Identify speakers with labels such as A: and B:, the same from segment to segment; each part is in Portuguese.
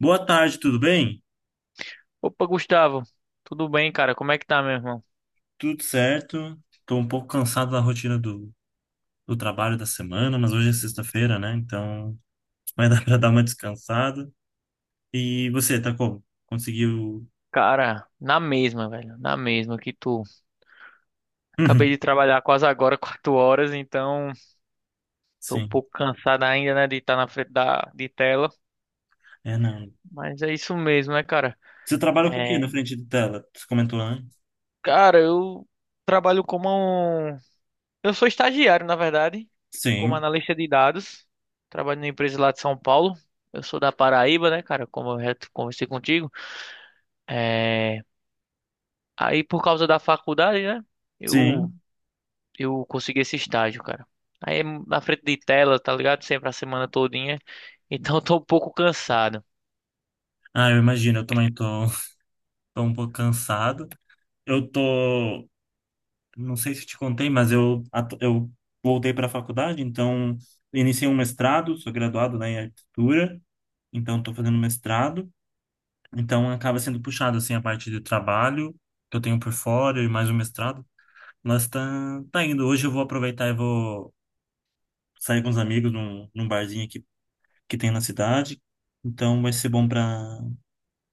A: Boa tarde, tudo bem?
B: Opa, Gustavo, tudo bem, cara? Como é que tá, meu irmão?
A: Tudo certo. Estou um pouco cansado da rotina do trabalho da semana, mas hoje é sexta-feira, né? Então vai dar para dar uma descansada. E você, tá como? Conseguiu?
B: Cara, na mesma, velho, na mesma que tu. Acabei
A: Uhum.
B: de trabalhar quase agora, 4 horas, então tô um
A: Sim.
B: pouco cansado ainda, né, de estar na frente da de tela,
A: É, não.
B: mas é isso mesmo, né, cara?
A: Você trabalha com o quê na
B: É,
A: frente de tela? Você comentou, né?
B: cara, eu trabalho como um. Eu sou estagiário, na verdade, como
A: Sim,
B: analista de dados. Trabalho numa empresa lá de São Paulo. Eu sou da Paraíba, né, cara? Como eu já conversei contigo. É... Aí, por causa da faculdade, né? Eu
A: sim.
B: eu consegui esse estágio, cara. Aí é na frente de tela, tá ligado? Sempre a semana todinha. Então eu tô um pouco cansado.
A: Ah, eu imagino, eu também tô, tô um pouco cansado. Eu tô, não sei se te contei, mas eu voltei para a faculdade, então iniciei um mestrado, sou graduado, né, em arquitetura. Então estou fazendo mestrado, então acaba sendo puxado assim a parte de trabalho que eu tenho por fora e mais o mestrado. Mas tá, tá indo. Hoje eu vou aproveitar e vou sair com os amigos num barzinho aqui que tem na cidade. Então vai ser bom para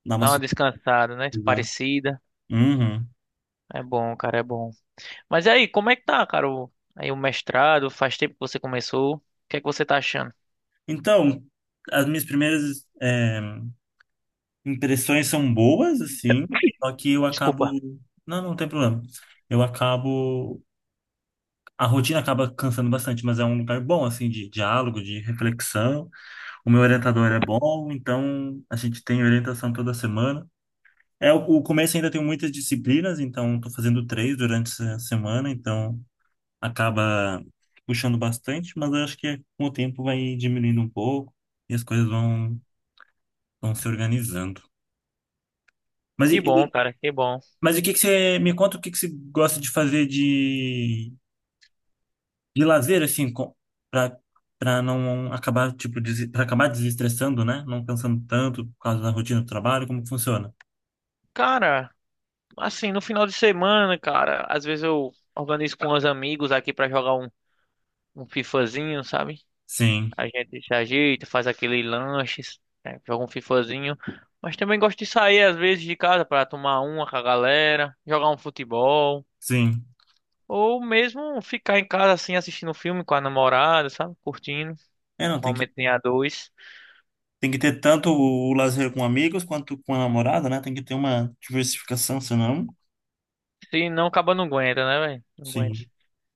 A: dar uma
B: Dá uma descansada, né?
A: socializada.
B: Parecida.
A: Uhum.
B: É bom, cara, é bom. Mas aí, como é que tá, cara? Aí o mestrado, faz tempo que você começou. O que é que você tá achando?
A: Então, as minhas primeiras impressões são boas, assim, só que eu acabo.
B: Desculpa.
A: Não, não tem problema. Eu acabo A rotina acaba cansando bastante, mas é um lugar bom, assim, de diálogo, de reflexão. O meu orientador é bom, então a gente tem orientação toda semana. É, o começo ainda tem muitas disciplinas, então estou fazendo três durante essa semana, então acaba puxando bastante, mas eu acho que com o tempo vai diminuindo um pouco e as coisas vão se organizando. Mas, e- e-
B: Que bom.
A: mas o que que você me conta, o que que você gosta de fazer de lazer, assim, pra, pra não acabar, tipo, pra acabar desestressando, né? Não pensando tanto por causa da rotina do trabalho, como que funciona.
B: Cara, assim, no final de semana, cara, às vezes eu organizo com os amigos aqui pra jogar um FIFAzinho, sabe?
A: Sim,
B: A gente se ajeita, faz aquele lanche, né, joga um fifazinho. Mas também gosto de sair às vezes de casa para tomar uma com a galera, jogar um futebol.
A: sim.
B: Ou mesmo ficar em casa assim assistindo um filme com a namorada, sabe? Curtindo.
A: É, não,
B: Momento em a dois.
A: tem que ter tanto o lazer com amigos quanto com a namorada, né? Tem que ter uma diversificação, senão.
B: Se não, acaba não aguenta, né, velho? Não aguenta.
A: Sim.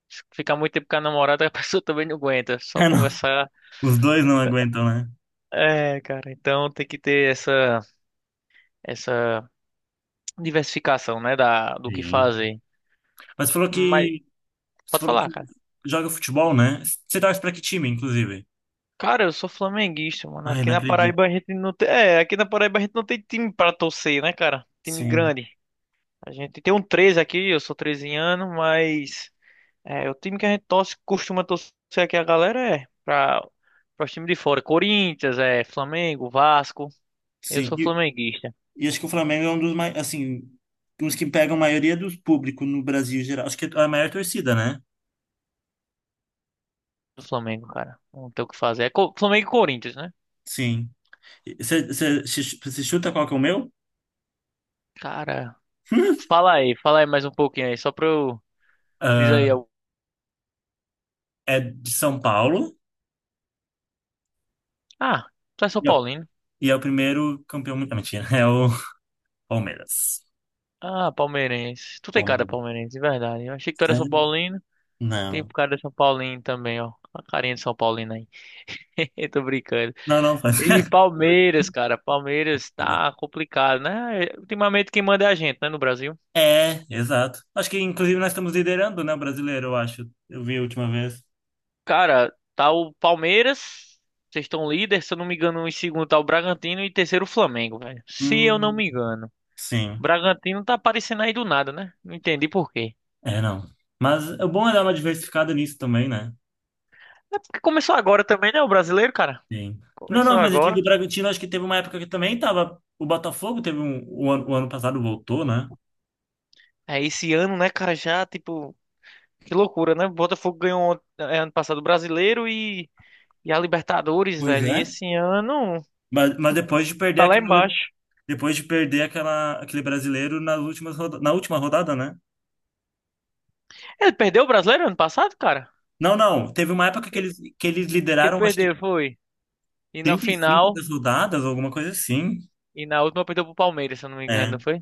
B: Se ficar muito tempo com a namorada, a pessoa também não aguenta. Só
A: É, não.
B: conversar.
A: Os dois não aguentam, né?
B: É, cara. Então tem que ter essa diversificação, né? Do que
A: Sim.
B: fazer.
A: Mas falou
B: Mas
A: que. Você
B: pode
A: falou
B: falar,
A: que
B: cara.
A: joga futebol, né? Você torce pra que time, inclusive?
B: Cara, eu sou flamenguista, mano.
A: Ai,
B: Aqui
A: não
B: na
A: acredito.
B: Paraíba a gente não tem. É, aqui na Paraíba a gente não tem time pra torcer, né, cara? Time
A: Sim,
B: grande. A gente tem um 13 aqui, eu sou 13 anos, mas. É, o time que a gente torce, costuma torcer aqui a galera é pra os times de fora. Corinthians, é, Flamengo, Vasco. Eu sou
A: sim.
B: flamenguista.
A: E acho que o Flamengo é um dos mais, assim, uns que pegam a maioria do público no Brasil em geral. Acho que é a maior torcida, né?
B: Do Flamengo, cara. Não tem o que fazer. É Flamengo e Corinthians, né?
A: Sim. Você chuta qual que é o meu?
B: Cara, fala aí mais um pouquinho aí, só pra eu. Diz aí
A: Ah,
B: algo.
A: é de São Paulo.
B: Ah, tu é São
A: E é o
B: Paulo.
A: e é o primeiro campeão. Não, mentira, é o Palmeiras.
B: Ah, palmeirense. Tu tem cara de
A: Palmeiras.
B: palmeirense, de verdade. Eu achei que tu era
A: Né?
B: São Paulino. Tem
A: Não.
B: cara de São Paulino também, ó. A carinha de São Paulino aí. Eu tô brincando.
A: Não, não faz.
B: E Palmeiras, cara. Palmeiras tá complicado, né? Ultimamente quem manda é a gente, né, no Brasil.
A: É, exato. Acho que inclusive nós estamos liderando, né, o brasileiro, eu acho. Eu vi a última vez.
B: Cara, tá o Palmeiras. Vocês estão líder, se eu não me engano, em segundo tá o Bragantino e em terceiro o Flamengo, velho. Se eu não
A: Hum,
B: me engano.
A: sim.
B: Bragantino tá aparecendo aí do nada, né? Não entendi por quê.
A: É, não. Mas o bom é dar uma diversificada nisso também, né?
B: É porque começou agora também, né, o brasileiro, cara?
A: Sim. Não,
B: Começou
A: não, Mas eu digo
B: agora.
A: o Bragantino, acho que teve uma época que também tava. O Botafogo teve um. O ano passado voltou, né?
B: É, esse ano, né, cara, já, tipo, que loucura, né? O Botafogo ganhou ano passado o Brasileiro e a Libertadores,
A: Pois
B: velho. E
A: é.
B: esse ano
A: Mas depois de perder
B: tá lá
A: aquela,
B: embaixo.
A: depois de perder aquela, aquele brasileiro nas na última rodada, né?
B: Ele perdeu o Brasileiro ano passado, cara?
A: Não, não. Teve uma época
B: E-
A: que eles
B: Que
A: lideraram, acho que
B: perdeu, foi. E na
A: 35
B: final,
A: das rodadas, alguma coisa assim.
B: e na última perdeu pro Palmeiras, se eu não me engano, não
A: É.
B: foi?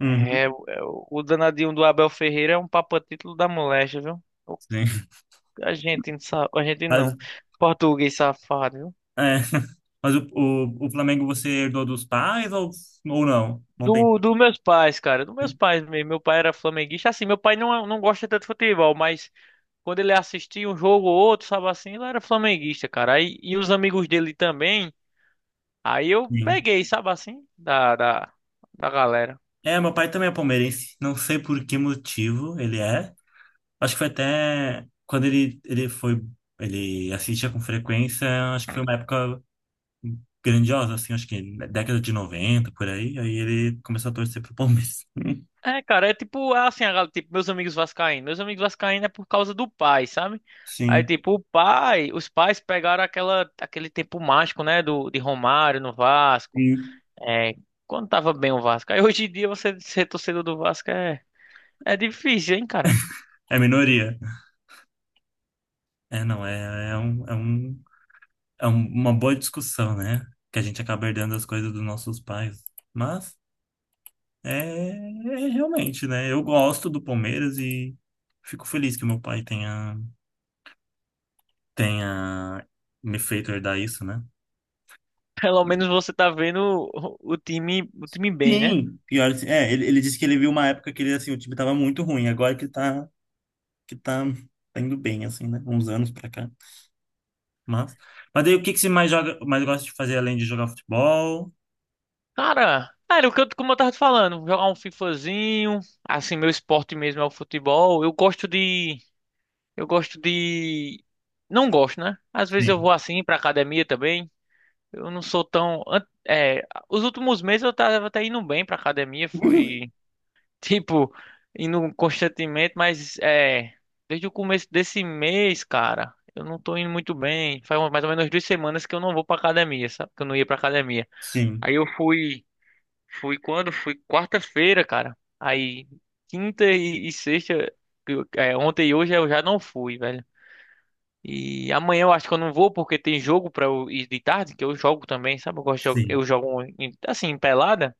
A: Uhum,
B: É. O danadinho do Abel Ferreira é um papa título da moléstia, viu?
A: sim.
B: A gente não sabe, a gente
A: Mas,
B: não. Português safado, viu?
A: é. Mas o Flamengo você herdou dos pais ou não? Não tem.
B: Do meus pais, cara. Dos meus pais mesmo. Meu pai era flamenguista. Assim, meu pai não, não gosta tanto de futebol, mas quando ele assistia um jogo ou outro, sabe assim, ele era flamenguista, cara. Aí, e os amigos dele também. Aí eu peguei, sabe assim, da galera.
A: É, meu pai também é palmeirense. Não sei por que motivo ele é. Acho que foi até quando ele, ele assistia com frequência, acho que foi uma época grandiosa, assim, acho que década de 90 por aí. Aí ele começou a torcer pro Palmeiras.
B: É, cara, é tipo, é assim, tipo, meus amigos vascaínos. Meus amigos vascaínos é por causa do pai, sabe? Aí,
A: Sim,
B: tipo, o pai, os pais pegaram aquele tempo mágico, né, de Romário no Vasco.
A: sim.
B: É, quando tava bem o Vasco. Aí hoje em dia você ser torcedor do Vasco é difícil, hein, cara?
A: É minoria. É, não, é um- uma boa discussão, né? Que a gente acaba herdando as coisas dos nossos pais. Mas é, é realmente, né? Eu gosto do Palmeiras e fico feliz que meu pai tenha. Tenha me feito herdar isso, né?
B: Pelo menos você tá vendo o time bem, né?
A: Sim, pior, assim, é, ele disse que ele viu uma época que ele, assim, o time tava muito ruim, agora que tá, tá indo bem, assim, né, uns anos pra cá. Mas, mas daí o que que você mais joga, mais gosta de fazer além de jogar futebol?
B: Cara, era o que eu, como eu tava te falando, jogar um FIFAzinho, assim, meu esporte mesmo é o futebol. Eu gosto de, não gosto, né? Às vezes eu
A: Sim,
B: vou assim pra academia também. Eu não sou tão, os últimos meses eu tava até indo bem pra academia, fui tipo, indo constantemente, mas é. Desde o começo desse mês, cara, eu não tô indo muito bem. Faz mais ou menos 2 semanas que eu não vou pra academia, sabe? Que eu não ia pra academia.
A: sim.
B: Aí eu fui. Fui quando? Fui quarta-feira, cara. Aí, quinta e sexta. Ontem e hoje eu já não fui, velho. E amanhã eu acho que eu não vou porque tem jogo pra eu ir de tarde, que eu jogo também, sabe? Eu gosto de, jo- eu
A: Sim,
B: jogo assim, em pelada.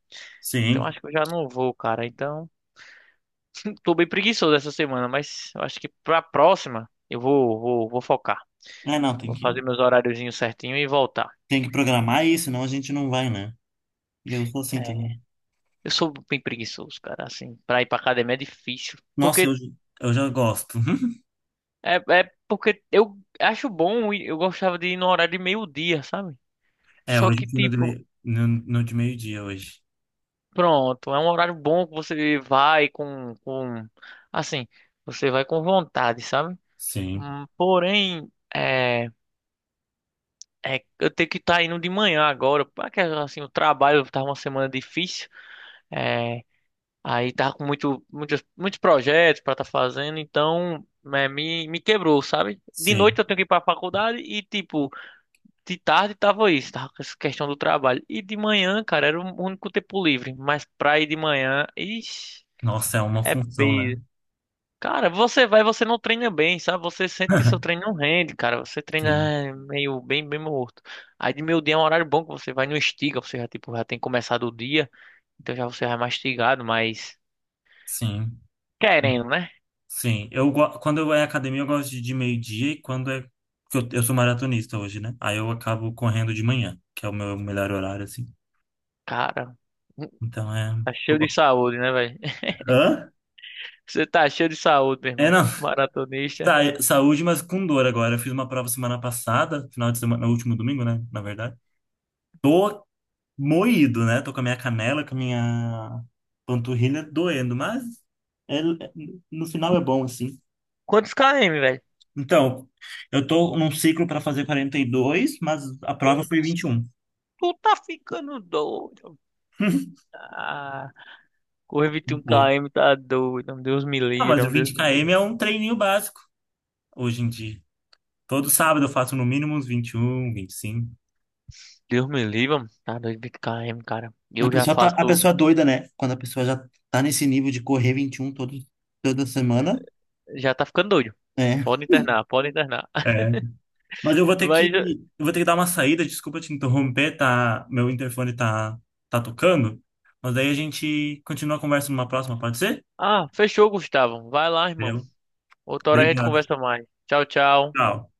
B: Então
A: sim.
B: acho que eu já não vou, cara. Então. Tô bem preguiçoso essa semana, mas eu acho que pra próxima eu vou focar.
A: É, não,
B: Vou fazer meus horáriozinhos certinho e voltar.
A: tem que programar isso, senão a gente não vai, né, e eu sou assim
B: É,
A: também.
B: eu sou bem preguiçoso, cara, assim, pra ir pra academia é difícil.
A: Nossa, eu,
B: Porque,
A: Eu já gosto.
B: é, é porque eu acho bom, e eu gostava de ir no horário de meio-dia, sabe?
A: É,
B: Só
A: hoje
B: que,
A: eu fui
B: tipo,
A: no de meio-dia hoje.
B: pronto, é um horário bom que você vai assim, você vai com vontade, sabe?
A: Sim,
B: Porém, é. É, eu tenho que estar indo de manhã agora, porque assim, o trabalho tá uma semana difícil, é, aí tá com muitos projetos para estar fazendo, então é, me quebrou, sabe? De noite
A: sim.
B: eu tenho que ir para a faculdade e, tipo, de tarde tava isso, tava com essa questão do trabalho. E de manhã, cara, era o único tempo livre, mas pra ir de manhã, ixi,
A: Nossa, é uma
B: é
A: função, né?
B: peso. Cara, você vai, você não treina bem, sabe? Você sente que seu treino não rende, cara. Você
A: Sim,
B: treina meio bem, bem morto. Aí de meio dia é um horário bom que você vai no estiga, você já tipo já tem começado o dia, então já você vai mastigado, mas
A: sim,
B: querendo, né?
A: sim. Quando eu é academia, eu gosto de meio-dia e quando é. Porque eu sou maratonista hoje, né? Aí eu acabo correndo de manhã, que é o meu melhor horário, assim.
B: Cara,
A: Então é.
B: tá
A: Eu
B: cheio de
A: gosto.
B: saúde, né, velho?
A: Hã?
B: Você tá cheio de saúde, meu
A: É,
B: irmão,
A: não.
B: maratonista.
A: Saúde, mas com dor agora. Eu fiz uma prova semana passada, final de semana, no último domingo, né? Na verdade. Tô moído, né? Tô com a minha canela, com a minha panturrilha doendo, mas é- é, no final é bom, assim.
B: Quantos km, velho?
A: Então, eu tô num ciclo para fazer 42, mas a prova foi 21.
B: Tu tá ficando doido. Ah, correr 21
A: Muito louco.
B: km tá doido. Deus me
A: Não,
B: livre,
A: mas
B: é
A: o
B: um
A: 20
B: Deus me
A: km
B: livre.
A: é um treininho básico hoje em dia. Todo sábado eu faço no mínimo uns 21, 25.
B: Deus me livre, mano. Tá doido, 20 km, cara.
A: A
B: Eu já
A: pessoa tá, a
B: faço.
A: pessoa é doida, né? Quando a pessoa já tá nesse nível de correr 21 toda semana,
B: Já tá ficando doido.
A: né?
B: Pode internar, pode internar.
A: É. Mas eu vou ter que,
B: Mas.
A: eu vou ter que dar uma saída, desculpa te interromper, tá? Meu interfone tá, tá tocando. Mas daí a gente continua a conversa numa próxima, pode ser?
B: Ah, fechou, Gustavo. Vai lá, irmão.
A: Entendeu?
B: Outra hora a gente
A: Obrigado.
B: conversa mais. Tchau, tchau.
A: Tchau.